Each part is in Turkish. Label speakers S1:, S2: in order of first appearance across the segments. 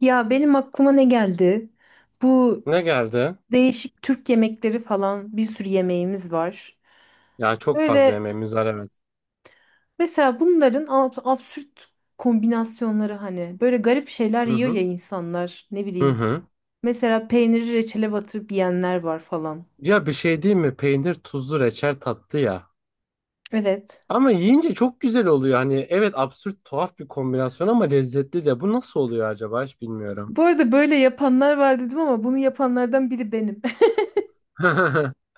S1: Ya benim aklıma ne geldi? Bu
S2: Ne geldi?
S1: değişik Türk yemekleri falan bir sürü yemeğimiz var.
S2: Ya çok fazla
S1: Böyle
S2: yemeğimiz var, evet.
S1: mesela bunların absürt kombinasyonları hani böyle garip şeyler
S2: Hı
S1: yiyor ya
S2: hı.
S1: insanlar ne
S2: Hı
S1: bileyim.
S2: hı.
S1: Mesela peyniri reçele batırıp yiyenler var falan.
S2: Ya bir şey değil mi? Peynir, tuzlu, reçel tatlı ya.
S1: Evet.
S2: Ama yiyince çok güzel oluyor. Hani evet, absürt tuhaf bir kombinasyon ama lezzetli de. Bu nasıl oluyor acaba, hiç bilmiyorum.
S1: Bu arada böyle yapanlar var dedim ama bunu yapanlardan biri benim.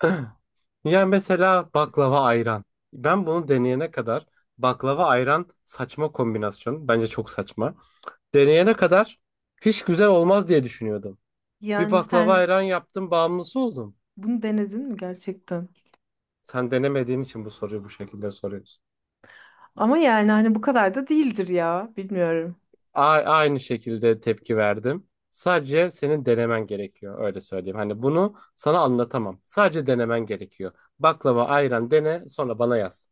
S2: Ya mesela baklava ayran. Ben bunu deneyene kadar baklava ayran saçma kombinasyon. Bence çok saçma. Deneyene kadar hiç güzel olmaz diye düşünüyordum. Bir
S1: Yani
S2: baklava
S1: sen
S2: ayran yaptım, bağımlısı oldum.
S1: bunu denedin mi gerçekten?
S2: Sen denemediğin için bu soruyu bu şekilde soruyorsun.
S1: Ama yani hani bu kadar da değildir ya. Bilmiyorum.
S2: Aynı şekilde tepki verdim. Sadece senin denemen gerekiyor. Öyle söyleyeyim. Hani bunu sana anlatamam. Sadece denemen gerekiyor. Baklava, ayran dene, sonra bana yaz.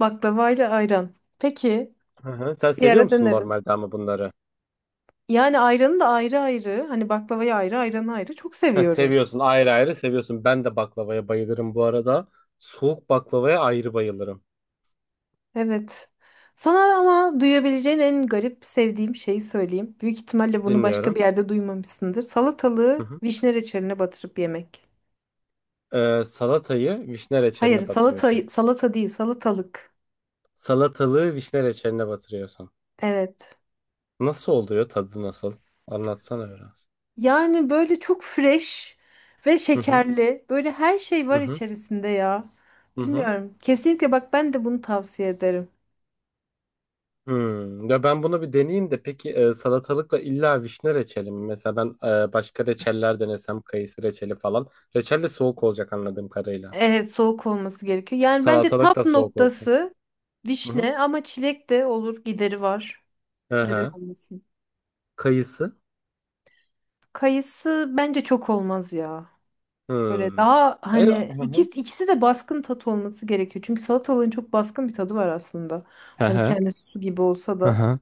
S1: Baklavayla ayran. Peki.
S2: Hı hı. Sen
S1: Bir
S2: seviyor
S1: ara
S2: musun
S1: denerim.
S2: normalde ama bunları?
S1: Yani ayranı da ayrı ayrı. Hani baklavayı ayrı, ayranı ayrı. Çok
S2: Ha,
S1: seviyorum.
S2: seviyorsun, ayrı ayrı seviyorsun. Ben de baklavaya bayılırım bu arada. Soğuk baklavaya ayrı bayılırım.
S1: Evet. Sana ama duyabileceğin en garip sevdiğim şeyi söyleyeyim. Büyük ihtimalle bunu başka
S2: Dinliyorum.
S1: bir yerde duymamışsındır.
S2: Hı
S1: Salatalığı
S2: hı.
S1: vişne reçeline batırıp yemek.
S2: Salatayı vişne
S1: Hayır,
S2: reçeline
S1: salata
S2: batırıyorsun.
S1: salata değil, salatalık.
S2: Salatalığı vişne reçeline batırıyorsun.
S1: Evet.
S2: Nasıl oluyor? Tadı nasıl? Anlatsana biraz.
S1: Yani böyle çok fresh ve
S2: Hı hı.
S1: şekerli. Böyle her şey
S2: Hı
S1: var
S2: hı.
S1: içerisinde ya.
S2: Hı hı.
S1: Bilmiyorum. Kesinlikle bak ben de bunu tavsiye ederim.
S2: Hmm. Ya ben bunu bir deneyeyim de, peki salatalıkla illa vişne reçeli mi? Mesela ben başka reçeller denesem, kayısı reçeli falan. Reçel de soğuk olacak anladığım kadarıyla.
S1: Evet soğuk olması gerekiyor. Yani bence
S2: Salatalık
S1: tap
S2: da soğuk olsun.
S1: noktası
S2: Hı hı.
S1: vişne ama çilek de olur gideri var.
S2: Hı
S1: Neden
S2: hı.
S1: olmasın?
S2: Kayısı.
S1: Kayısı bence çok olmaz ya. Böyle
S2: Hmm.
S1: daha
S2: Ay,
S1: hani
S2: hı hı.
S1: ikisi, ikisi de baskın tat olması gerekiyor. Çünkü salatalığın çok baskın bir tadı var aslında.
S2: Hı
S1: Hani
S2: hı.
S1: kendi su gibi olsa
S2: Hı
S1: da
S2: hı.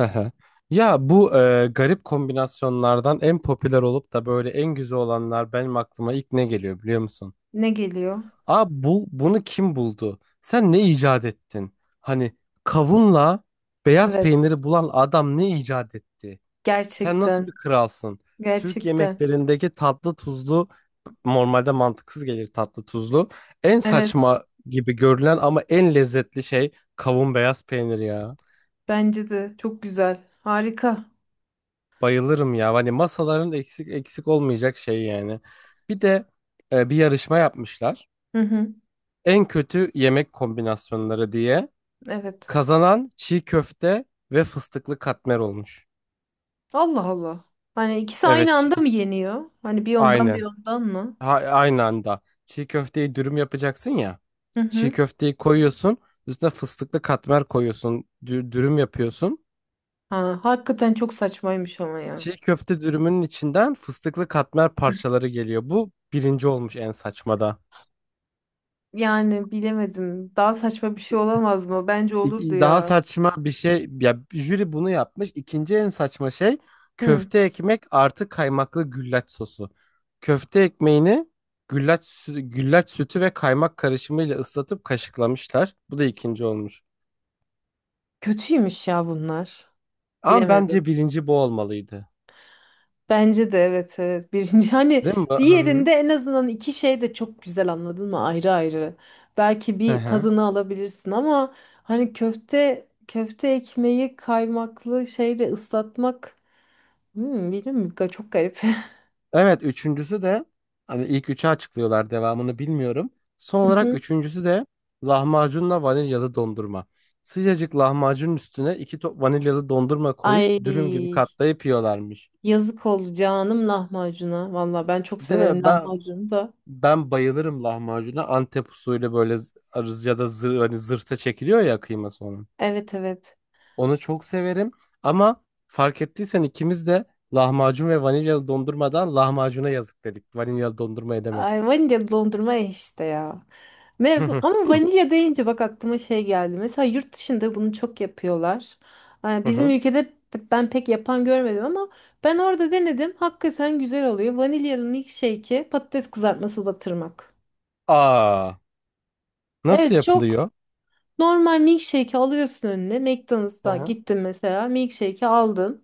S2: Hı hı. Ya bu garip kombinasyonlardan en popüler olup da böyle en güzel olanlar, benim aklıma ilk ne geliyor biliyor musun?
S1: ne geliyor?
S2: Abi bu, bunu kim buldu? Sen ne icat ettin? Hani kavunla beyaz
S1: Evet
S2: peyniri bulan adam ne icat etti? Sen nasıl bir
S1: gerçekten
S2: kralsın? Türk
S1: gerçekten.
S2: yemeklerindeki tatlı tuzlu, normalde mantıksız gelir tatlı tuzlu. En
S1: Evet
S2: saçma gibi görülen ama en lezzetli şey kavun beyaz peynir ya.
S1: bence de çok güzel harika.
S2: Bayılırım ya. Hani masaların eksik eksik olmayacak şey yani. Bir de bir yarışma yapmışlar.
S1: Hı hı,
S2: En kötü yemek kombinasyonları diye.
S1: evet.
S2: Kazanan çiğ köfte ve fıstıklı katmer olmuş.
S1: Allah Allah. Hani ikisi
S2: Evet,
S1: aynı anda mı yeniyor? Hani bir ondan bir
S2: aynen.
S1: ondan mı?
S2: Ha, aynı anda. Çiğ köfteyi dürüm yapacaksın ya.
S1: Hı
S2: Çiğ
S1: hı.
S2: köfteyi koyuyorsun. Üstüne fıstıklı katmer koyuyorsun. Dürüm yapıyorsun.
S1: Ha, hakikaten çok saçmaymış ama ya.
S2: Çiğ köfte dürümünün içinden fıstıklı katmer parçaları geliyor. Bu birinci olmuş, en saçmada.
S1: Yani bilemedim. Daha saçma bir şey olamaz mı? Bence olurdu
S2: Daha
S1: ya.
S2: saçma bir şey, ya jüri bunu yapmış. İkinci en saçma şey:
S1: Hı.
S2: köfte ekmek artı kaymaklı güllaç sosu. Köfte ekmeğini güllaç sütü ve kaymak karışımıyla ıslatıp kaşıklamışlar. Bu da ikinci olmuş.
S1: Kötüymüş ya bunlar.
S2: Ama bence
S1: Bilemedim.
S2: birinci bu olmalıydı.
S1: Bence de evet evet. Birinci hani
S2: Değil mi bu? Hı
S1: diğerinde
S2: hı.
S1: en azından iki şey de çok güzel anladın mı? Ayrı ayrı. Belki
S2: Hı
S1: bir
S2: hı.
S1: tadını alabilirsin ama hani köfte ekmeği kaymaklı şeyle ıslatmak. Hmm, bilmiyorum. Çok garip.
S2: Evet, üçüncüsü de, hani ilk üçü açıklıyorlar, devamını bilmiyorum. Son
S1: Hı
S2: olarak
S1: hı.
S2: üçüncüsü de lahmacunla vanilyalı dondurma. Sıcacık lahmacunun üstüne iki top vanilyalı dondurma koyup
S1: Ay
S2: dürüm gibi katlayıp yiyorlarmış.
S1: yazık oldu canım lahmacuna. Valla ben çok
S2: Değil
S1: severim
S2: mi? Ben
S1: lahmacunu da.
S2: ben bayılırım lahmacuna. Antep usulü böyle arız ya da zır, hani zırhta çekiliyor ya kıyması onun.
S1: Evet evet.
S2: Onu çok severim ama fark ettiysen ikimiz de lahmacun ve vanilyalı dondurmadan lahmacuna yazık dedik. Vanilyalı dondurma edemedik.
S1: Ay vanilya dondurma eh işte ya. Ama vanilya deyince bak aklıma şey geldi. Mesela yurt dışında bunu çok yapıyorlar. Ay, bizim ülkede ben pek yapan görmedim ama ben orada denedim. Hakikaten güzel oluyor. Vanilyalı milkshake'e patates kızartması batırmak.
S2: Aa, nasıl
S1: Evet
S2: yapılıyor?
S1: çok. Normal milkshake'i alıyorsun önüne.
S2: Hı
S1: McDonald's'a
S2: hı.
S1: gittin mesela. Milkshake'i aldın.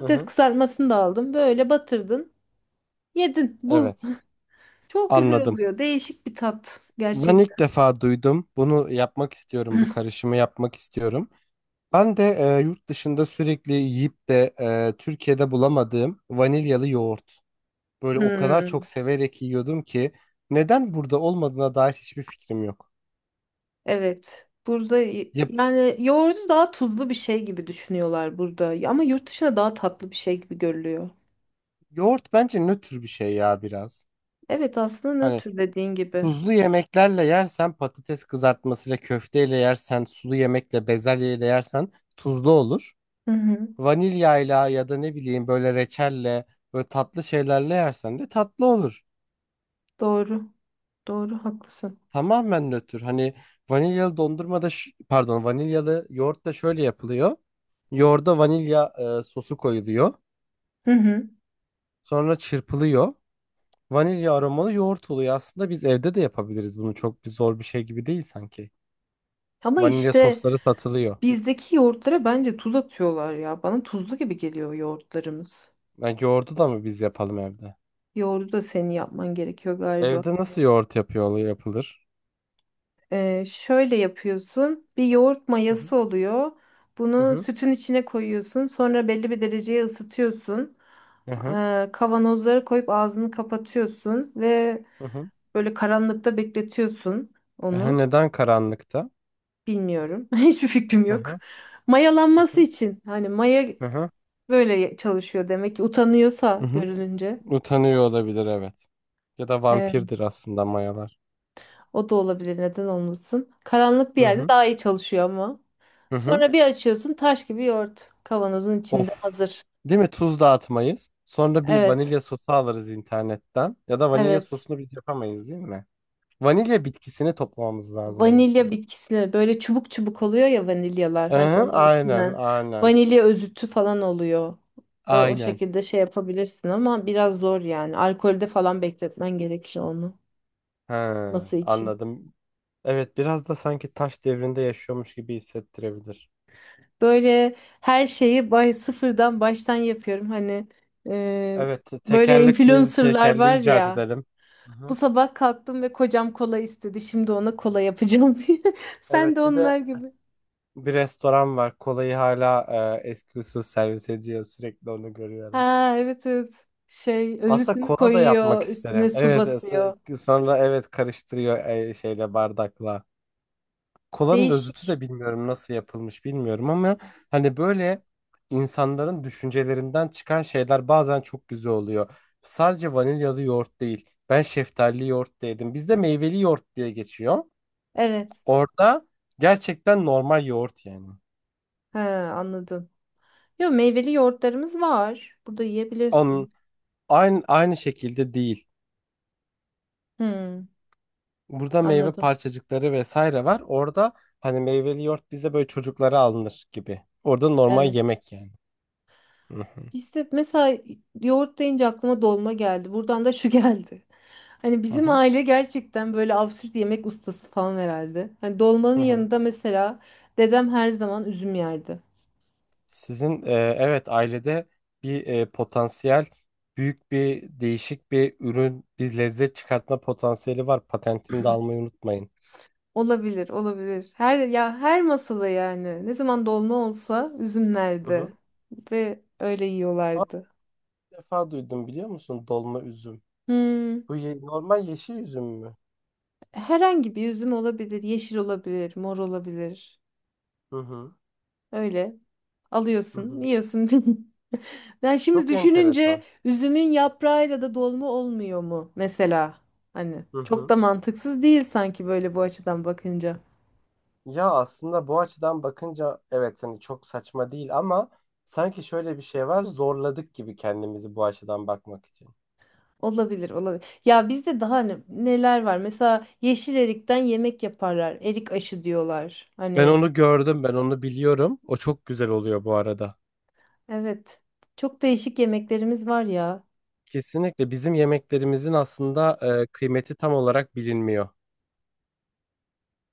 S2: Hı hı.
S1: kızartmasını da aldın. Böyle batırdın. Yedin. Bu.
S2: Evet.
S1: Çok güzel
S2: Anladım.
S1: oluyor. Değişik bir tat
S2: Ben
S1: gerçekten.
S2: ilk defa duydum. Bunu yapmak istiyorum. Bu karışımı yapmak istiyorum. Ben de yurt dışında sürekli yiyip de Türkiye'de bulamadığım vanilyalı yoğurt. Böyle o kadar
S1: Hmm,
S2: çok severek yiyordum ki, neden burada olmadığına dair hiçbir fikrim yok.
S1: evet. Burada
S2: Ya,
S1: yani yoğurdu daha tuzlu bir şey gibi düşünüyorlar burada. Ama yurt dışında daha tatlı bir şey gibi görülüyor.
S2: yoğurt bence nötr bir şey ya biraz.
S1: Evet aslında
S2: Hani,
S1: nötr dediğin gibi.
S2: tuzlu yemeklerle yersen, patates kızartmasıyla köfteyle yersen, sulu yemekle bezelyeyle yersen tuzlu olur.
S1: Hı hı.
S2: Vanilyayla ya da ne bileyim böyle reçelle, böyle tatlı şeylerle yersen de tatlı olur.
S1: Doğru. Doğru haklısın.
S2: Tamamen nötr. Hani vanilyalı dondurma da, pardon, vanilyalı yoğurt da şöyle yapılıyor. Yoğurda vanilya sosu koyuluyor.
S1: Hı hı.
S2: Sonra çırpılıyor. Vanilya aromalı yoğurt oluyor. Aslında biz evde de yapabiliriz bunu. Çok bir zor bir şey gibi değil sanki.
S1: Ama
S2: Vanilya
S1: işte
S2: sosları satılıyor.
S1: bizdeki yoğurtlara bence tuz atıyorlar ya. Bana tuzlu gibi geliyor yoğurtlarımız.
S2: Ya yoğurdu da mı biz yapalım evde?
S1: Yoğurdu da senin yapman gerekiyor galiba.
S2: Evde nasıl yoğurt yapıyor yapılır?
S1: Şöyle yapıyorsun. Bir yoğurt
S2: Hı hı
S1: mayası oluyor. Bunu
S2: hı
S1: sütün içine koyuyorsun. Sonra belli bir dereceye ısıtıyorsun.
S2: hı hı.
S1: Kavanozlara koyup ağzını kapatıyorsun ve
S2: Hı hı.
S1: böyle karanlıkta bekletiyorsun
S2: Ehe,
S1: onu.
S2: neden karanlıkta?
S1: Bilmiyorum. Hiçbir fikrim
S2: Hı
S1: yok.
S2: hı
S1: Mayalanması
S2: hı
S1: için. Hani maya
S2: hı hı.
S1: böyle çalışıyor demek ki
S2: Hı
S1: utanıyorsa
S2: hı. Hı.
S1: görülünce.
S2: Utanıyor olabilir, evet. Ya da
S1: Ee,
S2: vampirdir aslında mayalar.
S1: O da olabilir neden olmasın. Karanlık bir
S2: Hı
S1: yerde
S2: hı
S1: daha iyi çalışıyor ama.
S2: hı hı.
S1: Sonra bir açıyorsun taş gibi yoğurt. Kavanozun içinde
S2: Of.
S1: hazır.
S2: Değil mi? Tuz dağıtmayız. Sonra bir
S1: Evet.
S2: vanilya sosu alırız internetten. Ya da vanilya
S1: Evet.
S2: sosunu biz yapamayız değil mi? Vanilya bitkisini toplamamız lazım onun
S1: Vanilya
S2: için.
S1: bitkisine böyle çubuk çubuk oluyor ya vanilyalar.
S2: Hı
S1: Hani
S2: hı,
S1: onun
S2: aynen
S1: içinden
S2: aynen.
S1: vanilya özütü falan oluyor. O
S2: Aynen.
S1: şekilde şey yapabilirsin ama biraz zor yani. Alkolde falan bekletmen gerekir onu.
S2: He,
S1: Masa için.
S2: anladım. Evet, biraz da sanki taş devrinde yaşıyormuş gibi hissettirebilir.
S1: Böyle her şeyi bay sıfırdan baştan yapıyorum. Hani e,
S2: Evet,
S1: böyle
S2: tekerlekli
S1: influencerlar var
S2: tekerleği icat
S1: ya.
S2: edelim. Hı
S1: Bu
S2: hı.
S1: sabah kalktım ve kocam kola istedi. Şimdi ona kola yapacağım diye. Sen de
S2: Evet, bir de
S1: onlar gibi.
S2: bir restoran var. Kolayı hala eski usul servis ediyor. Sürekli onu görüyorum.
S1: Ha evet evet. Şey
S2: Aslında
S1: özütünü
S2: kola da yapmak
S1: koyuyor, üstüne
S2: isterim.
S1: su
S2: Evet,
S1: basıyor.
S2: sonra evet karıştırıyor şeyle, bardakla. Kolanın özütü
S1: Değişik.
S2: de, bilmiyorum nasıl yapılmış bilmiyorum, ama hani böyle insanların düşüncelerinden çıkan şeyler bazen çok güzel oluyor. Sadece vanilyalı yoğurt değil. Ben şeftalili yoğurt da yedim. Bizde meyveli yoğurt diye geçiyor.
S1: Evet.
S2: Orada gerçekten normal yoğurt yani.
S1: Ha anladım. Yo meyveli yoğurtlarımız var. Burada
S2: Onun
S1: yiyebilirsin.
S2: aynı aynı şekilde değil.
S1: Hmm,
S2: Burada meyve
S1: anladım.
S2: parçacıkları vesaire var. Orada hani meyveli yoğurt bize böyle çocuklara alınır gibi. Orada normal
S1: Evet.
S2: yemek yani. Hı hı.
S1: İşte mesela yoğurt deyince aklıma dolma geldi. Buradan da şu geldi. Hani
S2: Hı
S1: bizim
S2: hı.
S1: aile gerçekten böyle absürt yemek ustası falan herhalde. Hani dolmanın
S2: Hı hı.
S1: yanında mesela dedem her zaman üzüm yerdi.
S2: Sizin evet, ailede bir potansiyel, büyük bir değişik bir ürün, bir lezzet çıkartma potansiyeli var. Patentini de almayı unutmayın.
S1: Olabilir, olabilir. Her ya her masada yani ne zaman dolma olsa üzüm
S2: Hı
S1: nerede
S2: hı.
S1: ve öyle
S2: Aa,
S1: yiyorlardı.
S2: bir defa duydum biliyor musun, dolma üzüm.
S1: Hmm,
S2: Bu normal yeşil üzüm mü?
S1: herhangi bir üzüm olabilir, yeşil olabilir, mor olabilir.
S2: Hı hı.
S1: Öyle.
S2: Hı
S1: Alıyorsun,
S2: hı.
S1: yiyorsun. Yani şimdi
S2: Çok enteresan.
S1: düşününce üzümün yaprağıyla da dolma olmuyor mu mesela? Hani
S2: Hı
S1: çok
S2: hı.
S1: da mantıksız değil sanki böyle bu açıdan bakınca.
S2: Ya aslında bu açıdan bakınca evet, hani çok saçma değil, ama sanki şöyle bir şey var, zorladık gibi kendimizi bu açıdan bakmak için.
S1: Olabilir, olabilir. Ya bizde daha neler var? Mesela yeşil erikten yemek yaparlar. Erik aşı diyorlar.
S2: Ben
S1: Hani
S2: onu gördüm, ben onu biliyorum. O çok güzel oluyor bu arada.
S1: evet. Çok değişik yemeklerimiz var ya.
S2: Kesinlikle bizim yemeklerimizin aslında kıymeti tam olarak bilinmiyor.